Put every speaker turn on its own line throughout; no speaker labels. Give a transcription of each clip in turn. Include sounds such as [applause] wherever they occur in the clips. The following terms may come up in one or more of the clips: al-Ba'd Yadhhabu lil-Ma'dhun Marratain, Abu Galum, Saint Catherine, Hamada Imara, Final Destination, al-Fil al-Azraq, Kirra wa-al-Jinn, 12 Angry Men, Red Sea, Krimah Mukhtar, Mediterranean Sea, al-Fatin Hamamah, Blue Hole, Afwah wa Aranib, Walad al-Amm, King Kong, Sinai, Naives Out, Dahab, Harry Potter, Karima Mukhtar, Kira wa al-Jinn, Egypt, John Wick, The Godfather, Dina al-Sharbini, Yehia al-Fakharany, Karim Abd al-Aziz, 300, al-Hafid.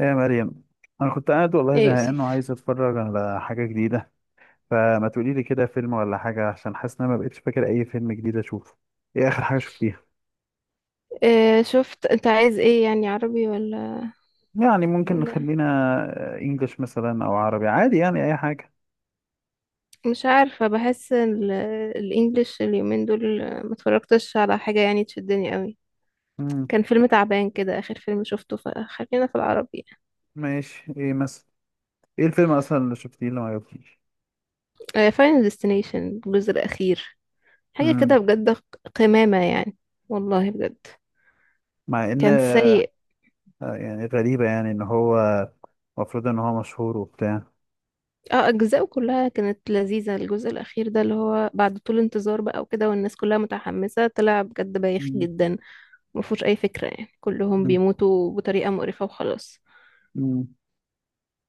يا مريم، انا كنت قاعد والله
ايه يا
زهقان
يوسف؟
وعايز اتفرج على حاجه جديده. فما تقولي لي كده فيلم ولا حاجه، عشان حاسس ان انا ما بقتش فاكر اي فيلم جديد اشوفه. ايه اخر حاجه شفتيها؟
إيه شفت، انت عايز ايه يعني، عربي ولا
يعني ممكن
ولا
نخلينا انجلش مثلا او عربي، عادي يعني اي حاجه.
مش عارفة، بحس الانجليش اليومين دول ما اتفرجتش على حاجة يعني تشدني قوي.
امم
كان فيلم تعبان كده اخر فيلم شفته، فخلينا في العربي.
ماشي، ايه مثلا؟ ايه الفيلم اصلا اللي شفتيه اللي ما عجبكيش؟
فاينل ديستنيشن الجزء الاخير، حاجة
امم
كده بجد، قمامة يعني، والله بجد،
مع ان
كان سيء.
يعني غريبه، يعني ان هو المفروض ان هو مشهور وبتاع.
اه اجزاءه كلها كانت لذيذة، الجزء الاخير ده اللي هو بعد طول انتظار بقى وكده والناس كلها متحمسة طلع بجد بايخ جدا، مفهوش أي فكرة يعني، كلهم بيموتوا بطريقة مقرفة وخلاص.
امم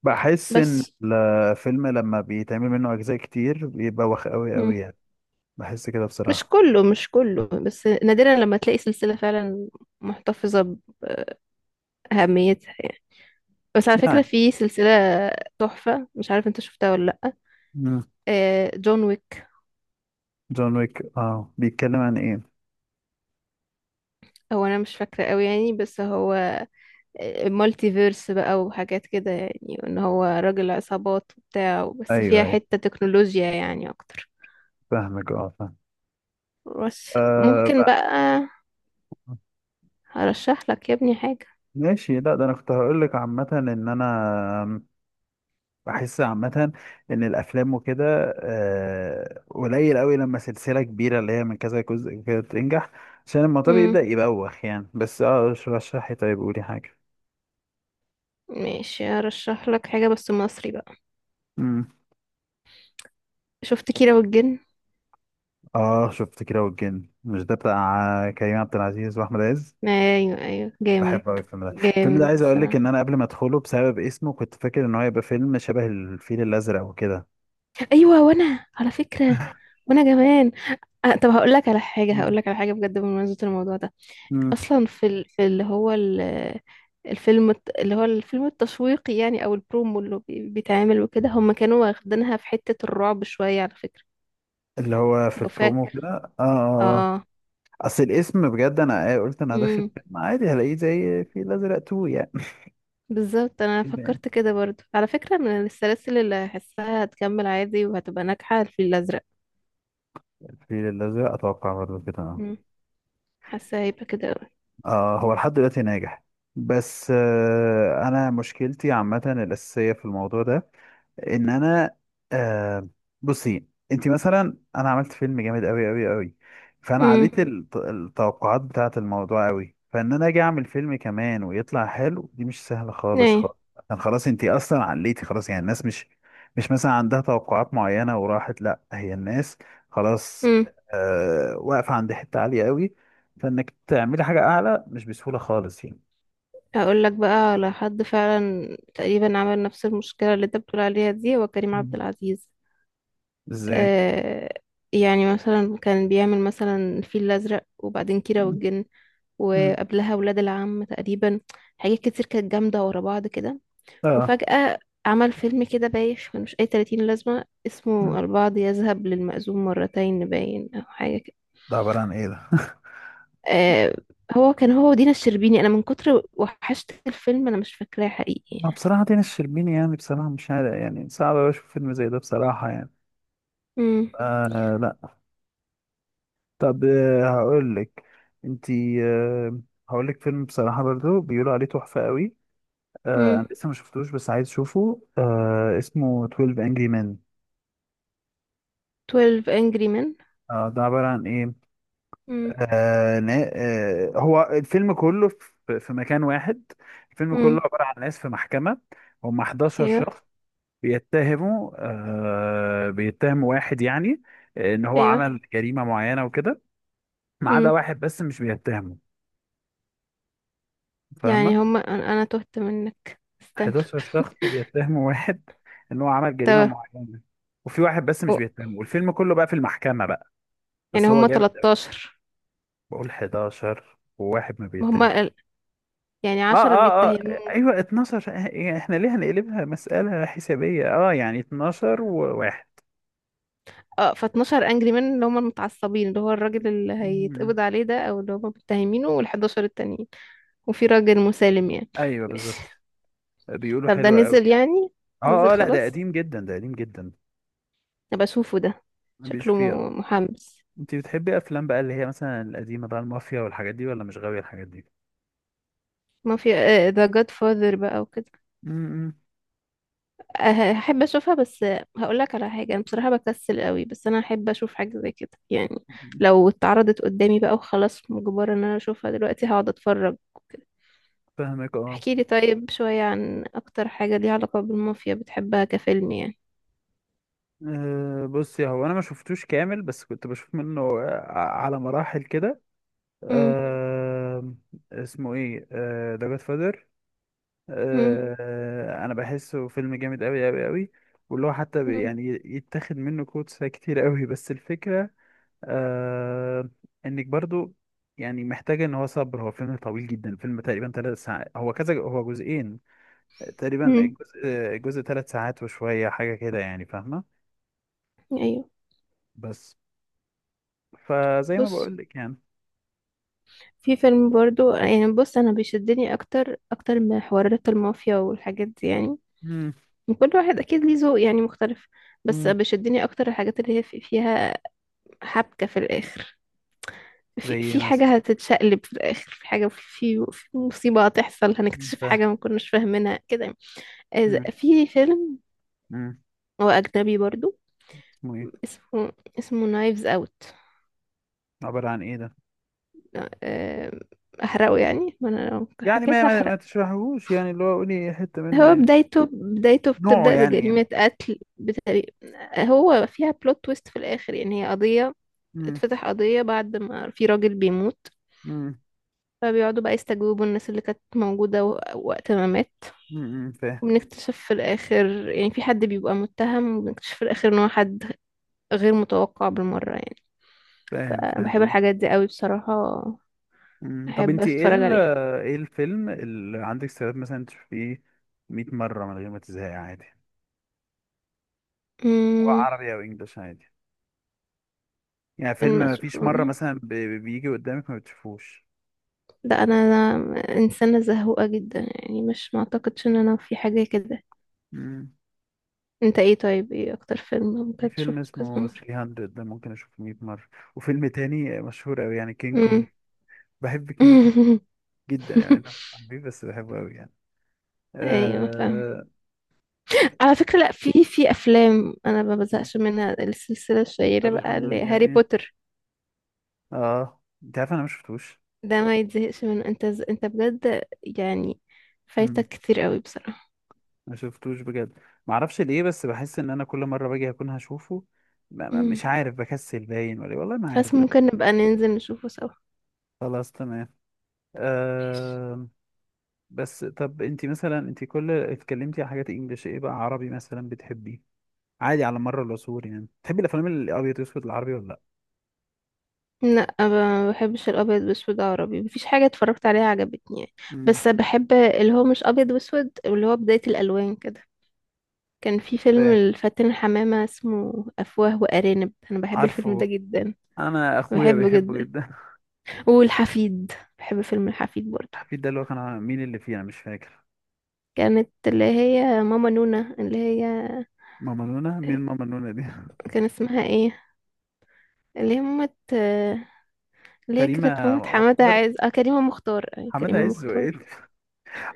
بحس ان
بس.
الفيلم لما بيتعمل منه اجزاء كتير بيبقى وخ قوي
مم.
قوي يعني. بحس كده
مش
بصراحة.
كله مش كله بس نادرا لما تلاقي سلسلة فعلا محتفظة بأهميتها يعني. بس على
صح
فكرة
يعني.
في سلسلة تحفة، مش عارف انت شفتها ولا لأ.
مم.
آه، جون ويك.
جون ويك، بيتكلم عن ايه؟
هو أنا مش فاكرة قوي يعني، بس هو مالتي فيرس بقى وحاجات كده يعني، وإن هو راجل عصابات وبتاع بس
ايوه،
فيها
ايوه،
حتة تكنولوجيا يعني أكتر.
فاهمك، اه فاهم.
بس
آه
ممكن بقى
بقى.
هرشح لك يا ابني حاجة.
ماشي. لا ده انا كنت هقول لك عامة ان انا بحس عامة ان الافلام وكده قليل قوي لما سلسلة كبيرة اللي هي من كذا جزء كده تنجح، عشان الموضوع
امم،
بيبدأ يبوخ يعني. بس رشحي، طيب قولي حاجة.
ماشي ارشح لك حاجة بس مصري بقى. شفت كيرة والجن؟
اه، شفت كيرة والجن، مش ده بتاع كريم عبد العزيز واحمد عز؟
ايوه ايوه،
بحب
جامد،
قوي الفيلم ده. الفيلم ده،
جامد
عايز اقول لك ان
الصراحة.
انا قبل ما ادخله بسبب اسمه كنت فاكر ان هو يبقى فيلم شبه الفيل الازرق وكده.
ايوه وانا على فكرة، وانا كمان. آه طب هقول لك على حاجة، هقول
مم.
لك على حاجة بجد بمناسبة الموضوع ده.
مم.
اصلا في اللي هو ال... الفيلم التشويقي يعني او البرومو اللي بيتعمل وكده، هم كانوا واخدينها في حتة الرعب شوية على فكرة.
اللي هو في
لو
البرومو
فاكر.
كده، اه، اه، آه.
اه.
اصل الاسم بجد، انا قلت انا داخل
امم
فيلم عادي هلاقيه زي الفيل الازرق 2 يعني.
بالظبط، انا
كده يعني،
فكرت كده برضو على فكرة، من السلاسل اللي هحسها هتكمل عادي وهتبقى ناجحة الفيل الازرق.
الفيل الازرق اتوقع برضه كده، اه.
مم. حاسة هيبقى كده اوي.
هو لحد دلوقتي ناجح. بس انا مشكلتي عامه الاساسيه في الموضوع ده ان انا. آه بصي، انت مثلا، انا عملت فيلم جامد قوي قوي قوي. فانا
امم،
عليت التوقعات بتاعه الموضوع قوي، فان انا اجي اعمل فيلم كمان ويطلع حلو دي مش سهله خالص
ايه.
خالص. عشان خلاص انت اصلا عليتي خلاص، يعني الناس مش مثلا عندها توقعات معينه وراحت، لا هي الناس خلاص،
امم
واقفه عند حته عاليه قوي، فانك تعملي حاجه اعلى مش بسهوله خالص يعني.
هقول لك بقى على حد فعلا تقريبا عمل نفس المشكلة اللي انت بتقول عليها دي، هو كريم عبد
مم.
العزيز.
ازاي؟
آه، يعني مثلا كان بيعمل مثلا الفيل الازرق، وبعدين كيرة
مم.
والجن،
مم.
وقبلها ولاد العم تقريبا، حاجات كتير كانت جامدة ورا بعض كده.
اه.
وفجأة عمل فيلم كده بايخ ملوش أي تلاتين لازمة
مم.
اسمه البعض يذهب للمأذون مرتين، باين أو حاجة كده.
ده عباره عن ايه ده؟
آه، هو كان هو ودينا الشربيني، أنا من كتر وحشت الفيلم أنا مش فاكراه حقيقي
ما
يعني.
بصراحة دينا الشربيني يعني، بصراحة مش عارف يعني، صعب أوي أشوف فيلم زي ده بصراحة يعني.
مم.
لا. طب، هقولك. انتي، هقولك فيلم بصراحة برضو بيقولوا عليه تحفة قوي.
مم.
أنا لسه ما شفتوش بس عايز أشوفه، اسمه 12 Angry Men.
12 Angry Men.
ده عبارة عن إيه؟
مم.
هو الفيلم كله في مكان واحد. الفيلم
مم.
كله عبارة عن ناس في محكمة. هم 11
أيوه
شخص بيتهموا بيتهم واحد يعني، ان هو
أيوه.
عمل جريمة معينة وكده. ما عدا
مم.
واحد بس مش بيتهمه. فاهمة؟
يعني هما، أنا تهت منك، استنى.
11 شخص بيتهموا واحد [laughs] ان هو عمل جريمة
طب-
معينة. وفي واحد بس مش
أو-
بيتهمه، والفيلم كله بقى في المحكمة بقى.
يعني
بس هو
هما
جامد قوي.
13؟
بقول 11 وواحد ما
ما
بيتهم.
هما ال- يعني
اه،
عشرة
اه، اه.
بيتهموه.
ايوه 12، احنا ليه هنقلبها مسألة حسابية؟ اه يعني 12 وواحد.
اه، ف 12 انجري مان، اللي هم المتعصبين، اللي هو الراجل اللي
مم.
هيتقبض عليه ده او اللي هم متهمينه، وال11 التانيين، وفي راجل مسالم يعني.
ايوه
ماشي.
بالظبط، بيقولوا
طب ده
حلوة قوي.
نزل يعني؟ نزل
اه، اه، لا ده
خلاص،
قديم جدا، ده قديم جدا.
ابقى اشوفه ده،
مبيش
شكله
فيه. آه.
محمس.
انت بتحبي افلام بقى اللي هي مثلا القديمه بقى، المافيا والحاجات دي، ولا مش غاويه الحاجات دي؟
ما في ذا جاد فاذر بقى وكده.
امم
آه، هحب اشوفها، بس هقول لك على حاجه انا بصراحه بكسل قوي، بس انا هحب اشوف حاجه زي كده يعني. لو اتعرضت قدامي بقى وخلاص مجبره ان انا اشوفها دلوقتي هقعد اتفرج.
فاهمك، اه.
احكي لي طيب شوية عن أكتر حاجة ليها علاقة بالمافيا بتحبها كفيلم يعني.
بصي، هو انا ما شفتوش كامل بس كنت بشوف منه على مراحل كده.
مم.
آه، اسمه ايه؟ ذا جاد فادر.
مم.
انا بحسه فيلم جامد قوي قوي قوي. واللي هو حتى
مم.
يعني يتاخد منه كوتس كتير قوي، بس الفكره، آه انك برضو يعني محتاجة ان هو صبر. هو فيلم طويل جدا، فيلم تقريبا 3 ساعات. هو كذا، هو جزئين، تقريبا
مم.
الجزء الجزء 3 ساعات وشوية حاجة كده يعني. فاهمة؟
أيوه.
بس فزي ما
بص،
بقول لك يعني.
في فيلم برضو يعني، بص أنا بيشدني أكتر، أكتر من حوارات المافيا والحاجات دي يعني.
مم.
كل واحد أكيد ليه ذوق يعني مختلف، بس
مم.
بيشدني أكتر الحاجات اللي هي فيها حبكة في الآخر.
زي
في
ايه
في
مثلا؟
حاجة هتتشقلب في الآخر، في حاجة، في مصيبة هتحصل،
مم.
هنكتشف
ف.
حاجة ما كناش فاهمينها كده يعني.
مم.
في فيلم
مم.
هو أجنبي برضو،
اسمه ايه؟
اسمه اسمه نايفز اوت.
عبارة عن ايه ده؟
احرقه يعني، ما انا لو
يعني ما
حكيت
ما,
هحرق.
ما تشرحهوش يعني، اللي هو قولي حتة منه
هو
يعني.
بدايته
نوعه
بتبدأ
يعني.
بجريمة قتل بتاريخ، هو فيها بلوت تويست في الآخر. يعني هي قضية،
مم.
اتفتح قضية بعد ما في راجل بيموت،
مم.
فبيقعدوا بقى يستجوبوا الناس اللي كانت موجودة وقت ما مات.
مم. مم. فاهم،
وبنكتشف في الآخر يعني في حد بيبقى متهم، وبنكتشف في الآخر إن هو حد غير متوقع بالمرة يعني.
فاهم،
فأنا بحب
فاهم.
الحاجات دي قوي بصراحة،
مم. طب،
أحب
انت ايه
أتفرج
ال-؟
عليها.
ايه الفيلم اللي عندك استعداد مثلا تشوفيه 100 مرة من غير ما تزهقي عادي؟ سواء
أمم،
عربي او انجلش عادي. يعني فيلم
فيلم
ما
أشوفه؟
فيش مرة مثلا بيجي قدامك ما بتشوفوش؟
لا، أنا إنسانة زهوقة جدا يعني، مش معتقدش إن أنا في حاجة كده.
مم.
أنت إيه طيب، إيه أكتر فيلم
في
ممكن
فيلم
تشوفه كذا
اسمه
مرة؟
300، ده ممكن اشوفه 100 مرة. وفيلم تاني مشهور قوي، يعني كينج
مم.
كونج. بحب كينج كونج
[laughs]
جدا يعني، انا حبيبي بس بحبه قوي يعني. مم.
أيوة فاهم. على فكرة لأ، في أفلام أنا ما بزهقش منها، السلسلة
طب
الشهيرة
حلو،
بقى
الحمد
اللي
لله.
هاري
ايه؟
بوتر.
اه، انت عارف انا ما شفتوش.
ده ما يتزهقش منه، أنت بجد يعني فايتك كتير قوي بصراحة.
ما شفتوش بجد. ما اعرفش ليه، بس بحس ان انا كل مره باجي اكون هشوفه.
مم.
مش عارف، بكسل باين ولا والله ما عارف
بس
بس.
ممكن نبقى ننزل نشوفه سوا.
خلاص تمام.
ماشي.
أه. بس طب، انت كل اتكلمتي على حاجات انجليش، ايه بقى عربي مثلا بتحبي عادي على مر العصور يعني؟ بتحبي الافلام الابيض واسود العربي ولا لا؟
لا ما بحبش الابيض واسود عربي، مفيش حاجه اتفرجت عليها عجبتني يعني.
امم
بس بحب اللي هو مش ابيض واسود، اللي هو بدايه الالوان كده. كان في فيلم
فاهم.
الفاتن حمامه اسمه افواه وارانب، انا بحب الفيلم ده
عارفه.
جدا،
انا اخويا
بحبه
بيحبه
جدا،
جدا.
والحفيد، بحب فيلم الحفيد
[laughs]
برضو.
حفيد ده، اللي هو كان مين اللي فيه؟ انا مش فاكر.
كانت اللي هي ماما نونا، اللي هي
ماما نونا؟ مين ماما نونا دي؟
كان اسمها ايه، اللي هي مامة،
[laughs]
اللي هي كانت
كريمه
مامة حمادة
مختار.
عايز، اه كريمة مختار، آه،
حماده
كريمة
عز وايه؟
مختار.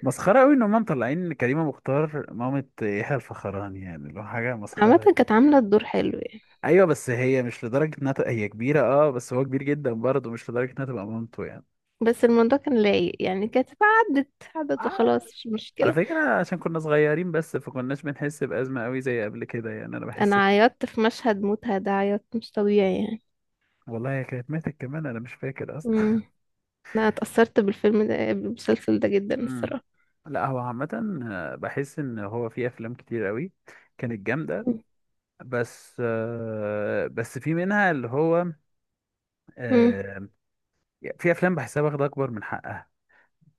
مسخرة قوي ان هم مطلعين كريمة مختار مامة يحيى الفخراني، يعني اللي هو حاجة
عامة
مسخرة.
كانت عاملة الدور حلو يعني.
ايوه، بس هي مش لدرجة انها تبقى هي كبيرة، اه بس هو كبير جدا برضه، مش لدرجة انها تبقى مامته يعني.
بس الموضوع كان لايق يعني، كانت عدت، عدت وخلاص
آه،
مش
على
مشكلة.
فكرة، عشان كنا صغيرين بس فكناش بنحس بأزمة قوي زي قبل كده يعني. انا بحس
انا
كده.
عيطت في مشهد موتها ده عيط مش طبيعي يعني.
والله هي كانت ماتت كمان؟ انا مش فاكر اصلا.
امم انا اتأثرت بالفيلم ده، بالمسلسل ده جدا
امم.
الصراحة.
لا هو عامة، بحس ان هو في افلام كتير قوي كانت جامدة، بس بس في منها اللي هو.
امم،
آه، في افلام بحسها واخده اكبر من حقها.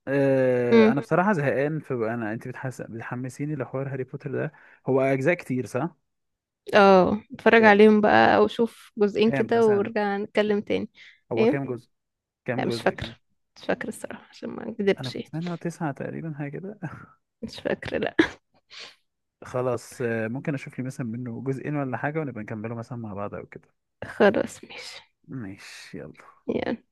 أه انا
امم،
بصراحه زهقان. في انا، انت بتحمسيني لحوار هاري بوتر ده. هو اجزاء كتير، صح؟
اه اتفرج
كام
عليهم بقى او شوف جزئين
كام
كده
مثلا؟
ونرجع نتكلم تاني.
هو كام
ايه،
جزء؟ كام
لا مش
جزء؟
فاكرة،
كام؟
مش فاكرة الصراحة عشان ما
انا
اكذبش،
كنت سامع إن هو 9 تقريبا، حاجه كده.
مش فاكرة لا.
[laughs] خلاص، ممكن اشوف لي مثلا منه جزئين ولا حاجه، ونبقى نكمله مثلا مع بعض او كده.
[laughs] خلاص ماشي،
ماشي، يلا.
يلا.